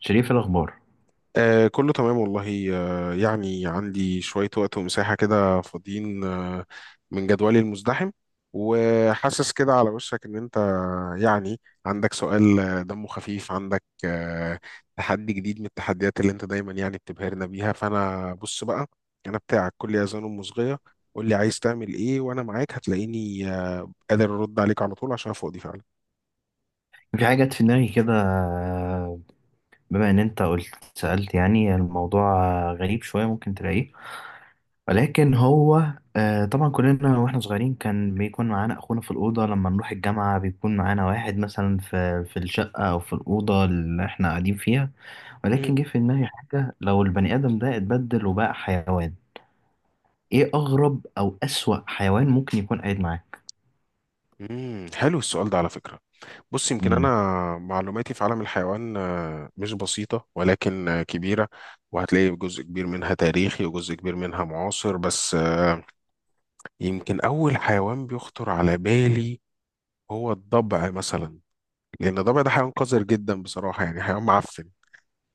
شريف الأخبار. كله تمام والله، يعني عندي شوية وقت ومساحة كده فاضيين من جدولي المزدحم، وحاسس كده على وشك إن أنت يعني عندك سؤال، دمه خفيف. عندك تحدي جديد من التحديات اللي أنت دايما يعني بتبهرنا بيها. فأنا بص بقى، أنا بتاعك كل أذان ومصغية. قول لي عايز تعمل إيه وأنا معاك، هتلاقيني قادر أرد عليك على طول عشان أنا فاضي فعلا. في حاجة جت في دماغي كده، بما إن أنت قلت سألت. يعني الموضوع غريب شوية، ممكن تلاقيه، ولكن هو طبعا كلنا وإحنا صغيرين كان بيكون معانا أخونا في الأوضة، لما نروح الجامعة بيكون معانا واحد مثلا في الشقة أو في الأوضة اللي إحنا قاعدين فيها. ولكن مم. جه في دماغي حاجة، لو البني آدم ده اتبدل وبقى حيوان، إيه أغرب أو أسوأ حيوان ممكن يكون قاعد معاك؟ مم، حلو السؤال ده على فكرة. بص، يمكن أنا معلوماتي في عالم الحيوان مش بسيطة، ولكن كبيرة. وهتلاقي جزء كبير منها تاريخي وجزء كبير منها معاصر، بس يمكن أول حيوان بيخطر على بالي هو الضبع مثلا. لأن الضبع ده حيوان قذر جدا بصراحة، يعني حيوان معفن،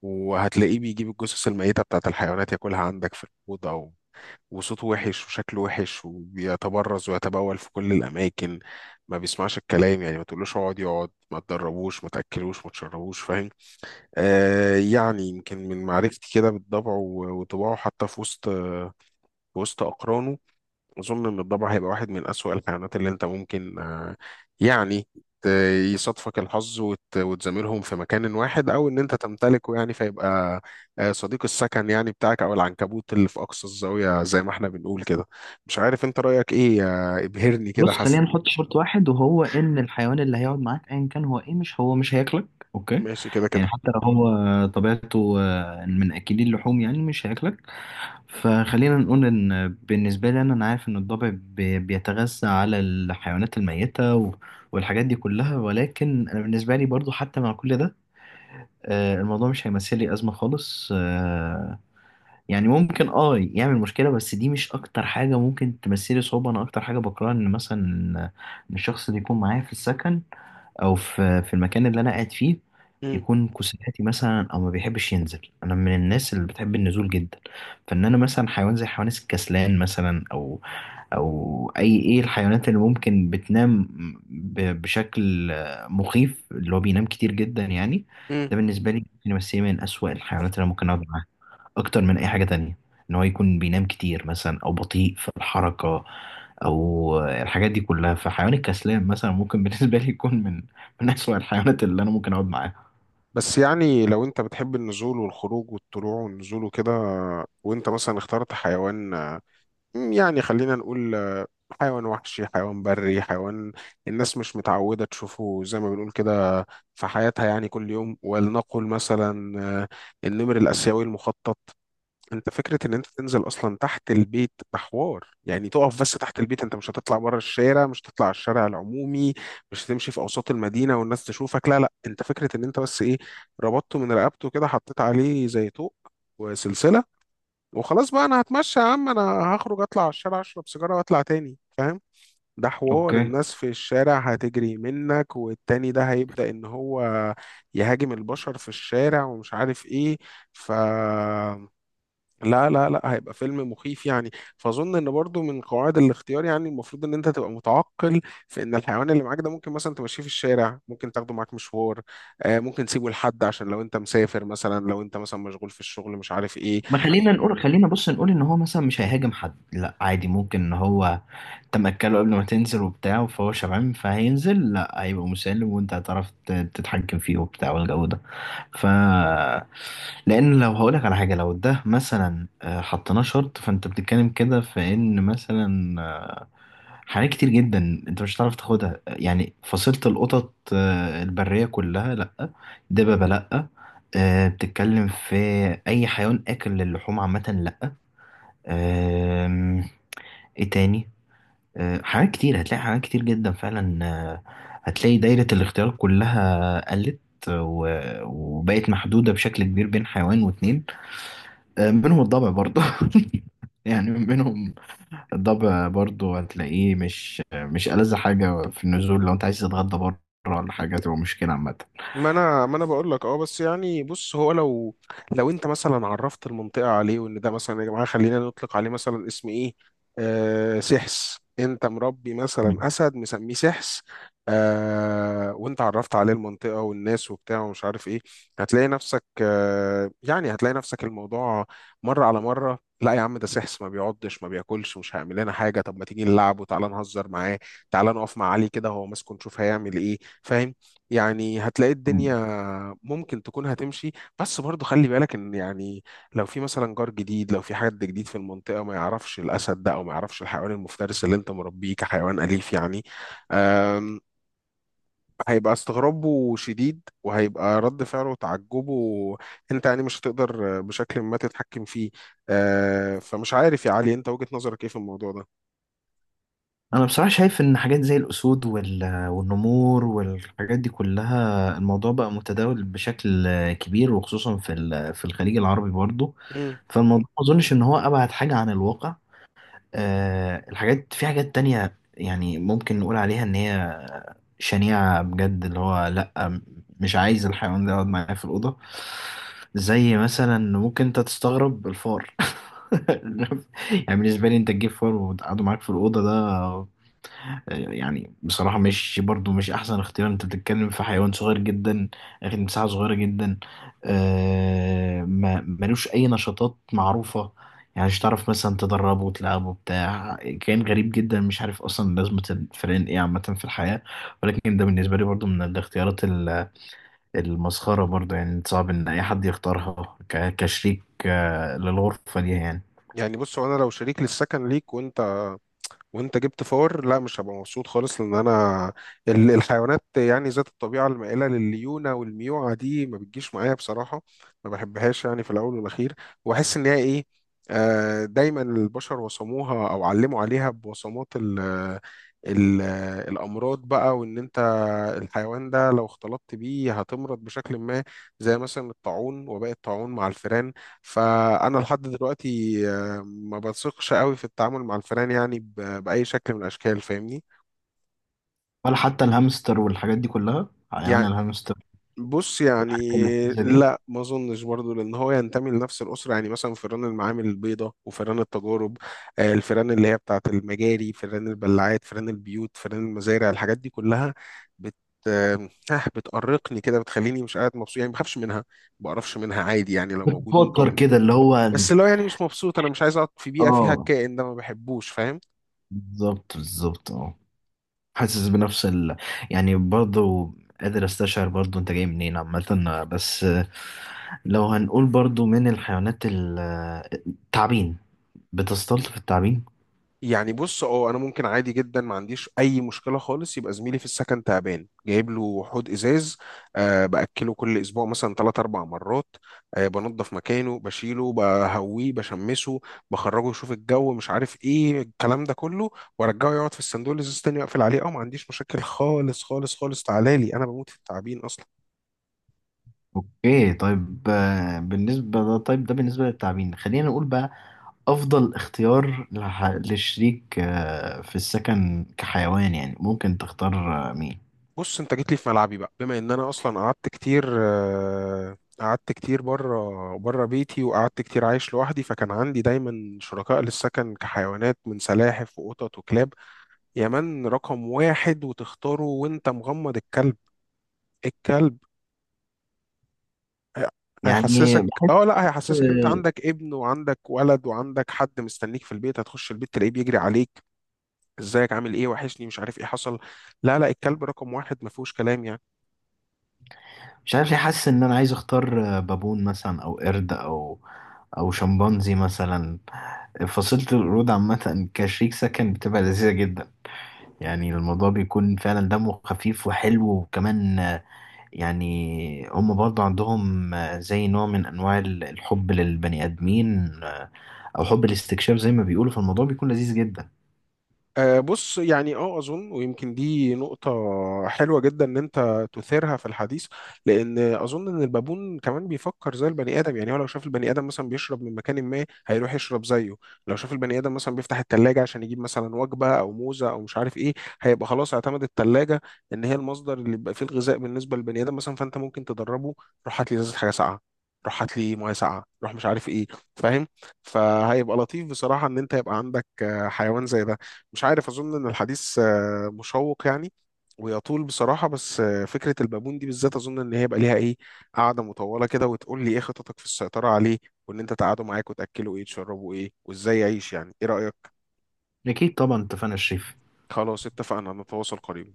وهتلاقيه بيجيب الجثث الميتة بتاعت الحيوانات ياكلها عندك في الأوضة، أو وصوته وحش وشكله وحش وبيتبرز ويتبول في كل الأماكن، ما بيسمعش الكلام. يعني ما تقولوش اقعد يقعد، ما تدربوش، ما تأكلوش، ما تشربوش. فاهم؟ آه يعني يمكن من معرفتي كده بالطبع وطباعه، حتى في وسط أقرانه، أظن إن الضبع هيبقى واحد من أسوأ الكائنات اللي أنت ممكن يعني ت- يصادفك الحظ وتزاملهم في مكان واحد، أو إن أنت تمتلكه، يعني فيبقى صديق السكن يعني بتاعك، أو العنكبوت اللي في أقصى الزاوية زي ما إحنا بنقول كده. مش عارف أنت رأيك إيه، ابهرني كده بص، خلينا حسن. نحط شرط واحد، وهو ان الحيوان اللي هيقعد معاك ايا كان هو ايه، مش، هو مش هياكلك. اوكي؟ ماشي كده يعني كده. حتى لو هو طبيعته من اكلي اللحوم، يعني مش هياكلك. فخلينا نقول ان بالنسبه لي، انا عارف ان الضبع بيتغذى على الحيوانات الميته والحاجات دي كلها، ولكن انا بالنسبه لي برضو حتى مع كل ده الموضوع مش هيمثل لي ازمه خالص. يعني ممكن اه يعمل مشكلة، بس دي مش أكتر حاجة ممكن تمثلي صعوبة. أنا أكتر حاجة بكرهها إن مثلا إن الشخص اللي يكون معايا في السكن أو في المكان اللي أنا قاعد فيه مم. يكون كسلاتي مثلا، أو ما بيحبش ينزل. أنا من الناس اللي بتحب النزول جدا، فإن أنا مثلا حيوان زي حيوان الكسلان مثلا، أو أو أي، إيه الحيوانات اللي ممكن بتنام بشكل مخيف، اللي هو بينام كتير جدا يعني. مم. ده بالنسبة لي ممكن يمثلني من أسوأ الحيوانات اللي أنا ممكن أقعد معاها اكتر من اي حاجة تانية، ان هو يكون بينام كتير مثلا، او بطيء في الحركة، او الحاجات دي كلها. فحيوان الكسلان مثلا ممكن بالنسبة لي يكون من من اسوأ الحيوانات اللي انا ممكن اقعد معاها. بس يعني لو أنت بتحب النزول والخروج والطلوع والنزول وكده، وأنت مثلا اخترت حيوان، يعني خلينا نقول حيوان وحشي، حيوان بري، حيوان الناس مش متعودة تشوفه زي ما بنقول كده في حياتها، يعني كل يوم، ولنقل مثلا النمر الآسيوي المخطط. انت فكرة ان انت تنزل اصلا تحت البيت ده حوار. يعني تقف بس تحت البيت، انت مش هتطلع بره الشارع، مش هتطلع على الشارع العمومي، مش هتمشي في اوساط المدينة والناس تشوفك. لا لا، انت فكرة ان انت بس ايه، ربطته من رقبته كده، حطيت عليه زي طوق وسلسلة، وخلاص بقى انا هتمشى يا عم، انا هخرج اطلع على الشارع اشرب سيجارة واطلع تاني. فاهم؟ ده حوار اوكي. الناس في الشارع هتجري منك، والتاني ده هيبدأ ان هو يهاجم البشر في الشارع ومش عارف ايه. ف لا لا لا، هيبقى فيلم مخيف يعني. فاظن ان برضو من قواعد الاختيار يعني المفروض ان انت تبقى متعقل في ان الحيوان اللي معاك ده، ممكن مثلا تمشيه في الشارع، ممكن تاخده معاك مشوار، ممكن تسيبه لحد عشان لو انت مسافر مثلا، لو انت مثلا مشغول في الشغل مش عارف ايه. ما خلينا نقول، خلينا بص نقول ان هو مثلا مش هيهاجم حد، لا عادي، ممكن ان هو، انت مأكله قبل ما تنزل وبتاع، فهو شبعان فهينزل، لا، هيبقى مسالم وانت هتعرف تتحكم فيه وبتاع والجو ده. ف، لان لو هقولك على حاجه، لو ده مثلا حطيناه شرط، فانت بتتكلم كده في ان مثلا حاجات كتير جدا انت مش هتعرف تاخدها. يعني فصيلة القطط البرية كلها لأ، دببة لأ، بتتكلم في أي حيوان آكل للحوم عامة لأ. آم، ايه تاني؟ حاجات كتير، هتلاقي حاجات كتير جدا فعلا. هتلاقي دايرة الاختيار كلها قلت وبقت محدودة بشكل كبير بين حيوان واتنين. منهم الضبع برضه. يعني منهم الضبع برضو، هتلاقيه مش، ألذ حاجة في النزول لو أنت عايز تتغدى بره، ولا حاجة تبقى مشكلة عامة. ما انا بقول لك اه، بس يعني بص، هو لو انت مثلا عرفت المنطقه عليه وان ده مثلا، يا جماعه خلينا نطلق عليه مثلا اسم ايه، آه سحس. انت مربي مم. مثلا اسد مسميه سحس، آه، وانت عرفت عليه المنطقه والناس وبتاع ومش عارف ايه، هتلاقي نفسك آه يعني هتلاقي نفسك الموضوع مره على مره. لا يا عم، ده سحس، ما بيعضش، ما بياكلش، مش هيعمل لنا حاجه. طب ما تيجي نلعب، وتعالى نهزر معاه، تعالى نقف مع علي كده هو ماسكه نشوف هيعمل ايه. فاهم؟ يعني هتلاقي الدنيا مم. ممكن تكون هتمشي، بس برضو خلي بالك ان يعني لو في مثلا جار جديد، لو في حد جديد في المنطقة ما يعرفش الاسد ده، او ما يعرفش الحيوان المفترس اللي انت مربيه كحيوان اليف يعني، أم، هيبقى استغرابه شديد وهيبقى رد فعله وتعجبه، انت يعني مش هتقدر بشكل ما تتحكم فيه. فمش عارف يا علي انت وجهة نظرك ايه في الموضوع ده. أنا بصراحة شايف إن حاجات زي الأسود وال… والنمور والحاجات دي كلها، الموضوع بقى متداول بشكل كبير، وخصوصا في ال… في الخليج العربي برضو. مم. فالموضوع ما أظنش إن هو أبعد حاجة عن الواقع. الحاجات، في حاجات تانية يعني ممكن نقول عليها إن هي شنيعة بجد، اللي هو لأ، مش عايز الحيوان ده يقعد معايا في الأوضة. زي مثلا، ممكن أنت تستغرب الفار. يعني بالنسبة لي، أنت تجيب فار وتقعده معاك في الأوضة، ده يعني بصراحة مش، برضو مش أحسن اختيار. أنت بتتكلم في حيوان صغير جدا، أخد مساحة صغيرة جدا، آه ما ملوش أي نشاطات معروفة، يعني مش تعرف مثلا تدربه وتلعبه بتاع كائن غريب جدا، مش عارف أصلا لازمة الفئران إيه عامة في الحياة. ولكن ده بالنسبة لي برضو من الاختيارات المسخرة برضو، يعني صعب إن أي حد يختارها كشريك للغرفة دي يعني. يعني بص، هو انا لو شريك للسكن ليك، وانت وانت جبت فار، لا مش هبقى مبسوط خالص، لان انا الحيوانات يعني ذات الطبيعه المائله لليونه والميوعه دي ما بتجيش معايا بصراحه، ما بحبهاش يعني في الاول والاخير. واحس ان هي ايه، دايما البشر وصموها او علموا عليها بوصمات ال ال الامراض بقى، وان انت الحيوان ده لو اختلطت بيه هتمرض بشكل ما، زي مثلا الطاعون وباقي الطاعون مع الفئران. فانا لحد دلوقتي ما بثقش قوي في التعامل مع الفئران يعني باي شكل من الاشكال. فاهمني؟ ولا حتى الهامستر والحاجات دي كلها، حيوان يعني الهامستر بص يعني، والحاجات اللذيذة دي. لا ما اظنش برضه، لان هو ينتمي لنفس الاسره. يعني مثلا فئران المعامل البيضاء وفئران التجارب، الفئران اللي هي بتاعه المجاري، فئران البلاعات، فئران البيوت، فئران المزارع، الحاجات دي كلها بت بتأرقني كده، بتخليني مش قاعد مبسوط يعني. ما بخافش منها، ما بقرفش منها عادي، يعني لو موجود ممكن بتتوتر أقوم. كده اللي هو، بس لو يعني مش مبسوط، انا مش عايز اقعد في بيئه فيها اه، الكائن ده، ما بحبوش. فاهم؟ بالظبط بالظبط، اه، حاسس بنفس ال… يعني برضو قادر استشعر برضو انت جاي منين عامة. بس لو هنقول برضو من الحيوانات التعابين، بتستلطف التعابين؟ يعني بص اه، انا ممكن عادي جدا ما عنديش اي مشكله خالص، يبقى زميلي في السكن تعبان جايب له حوض ازاز، أه باكله كل اسبوع مثلا ثلاث اربع مرات، أه بنظف مكانه، بشيله، بهويه، بشمسه، بخرجه يشوف الجو مش عارف ايه الكلام ده كله، وارجعه يقعد في الصندوق الازاز تاني واقفل عليه. اه ما عنديش مشاكل خالص خالص خالص، تعالى لي، انا بموت في التعبين اصلا. اوكي، طيب بالنسبة ده، طيب ده بالنسبة للتعابين. خلينا نقول بقى أفضل اختيار لشريك في السكن كحيوان، يعني ممكن تختار مين؟ بص انت جيت لي في ملعبي بقى، بما ان انا اصلا قعدت كتير، قعدت كتير بره بره بيتي، وقعدت كتير عايش لوحدي، فكان عندي دايما شركاء للسكن كحيوانات من سلاحف وقطط وكلاب. يا من رقم واحد وتختاره وانت مغمض، الكلب. الكلب هي- يعني هيحسسك بحس، اه لا هيحسسك انت عندك ابن وعندك ولد وعندك حد مستنيك في البيت، هتخش البيت تلاقيه بيجري عليك ازيك عامل ايه وحشني مش عارف ايه حصل. لا لا، الكلب رقم واحد ما فيهوش كلام يعني. مش عارف ليه حاسس ان انا عايز اختار بابون مثلا، او قرد، او او شمبانزي مثلا. فصيلة القرود عامة كشريك سكن بتبقى لذيذة جدا، يعني الموضوع بيكون فعلا دمه خفيف وحلو، وكمان يعني هم برضه عندهم زي نوع من انواع الحب للبني ادمين، او حب الاستكشاف زي ما بيقولوا. فالموضوع بيكون لذيذ جدا. بص يعني اه، اظن ويمكن دي نقطة حلوة جدا ان انت تثيرها في الحديث، لان اظن ان البابون كمان بيفكر زي البني ادم. يعني هو لو شاف البني ادم مثلا بيشرب من مكان، ما هيروح يشرب زيه، لو شاف البني ادم مثلا بيفتح التلاجة عشان يجيب مثلا وجبة او موزة او مش عارف ايه، هيبقى خلاص اعتمد التلاجة ان هي المصدر اللي بيبقى فيه الغذاء بالنسبة للبني ادم مثلا. فانت ممكن تدربه، روح هات لي ازازة حاجة ساقعة، روح هات لي ميه ساقعه، روح مش عارف ايه. فاهم؟ فهيبقى لطيف بصراحه ان انت يبقى عندك حيوان زي ده. مش عارف، اظن ان الحديث مشوق يعني، ويطول بصراحه، بس فكره البابون دي بالذات اظن ان هي يبقى ليها ايه، قاعده مطوله كده، وتقول لي ايه خططك في السيطره عليه، وان انت تقعدوا معاك وتاكلوا ايه تشربوا ايه وازاي يعيش، يعني ايه رايك؟ اكيد طبعا، اتفقنا يا شريف. خلاص اتفقنا، نتواصل قريبا.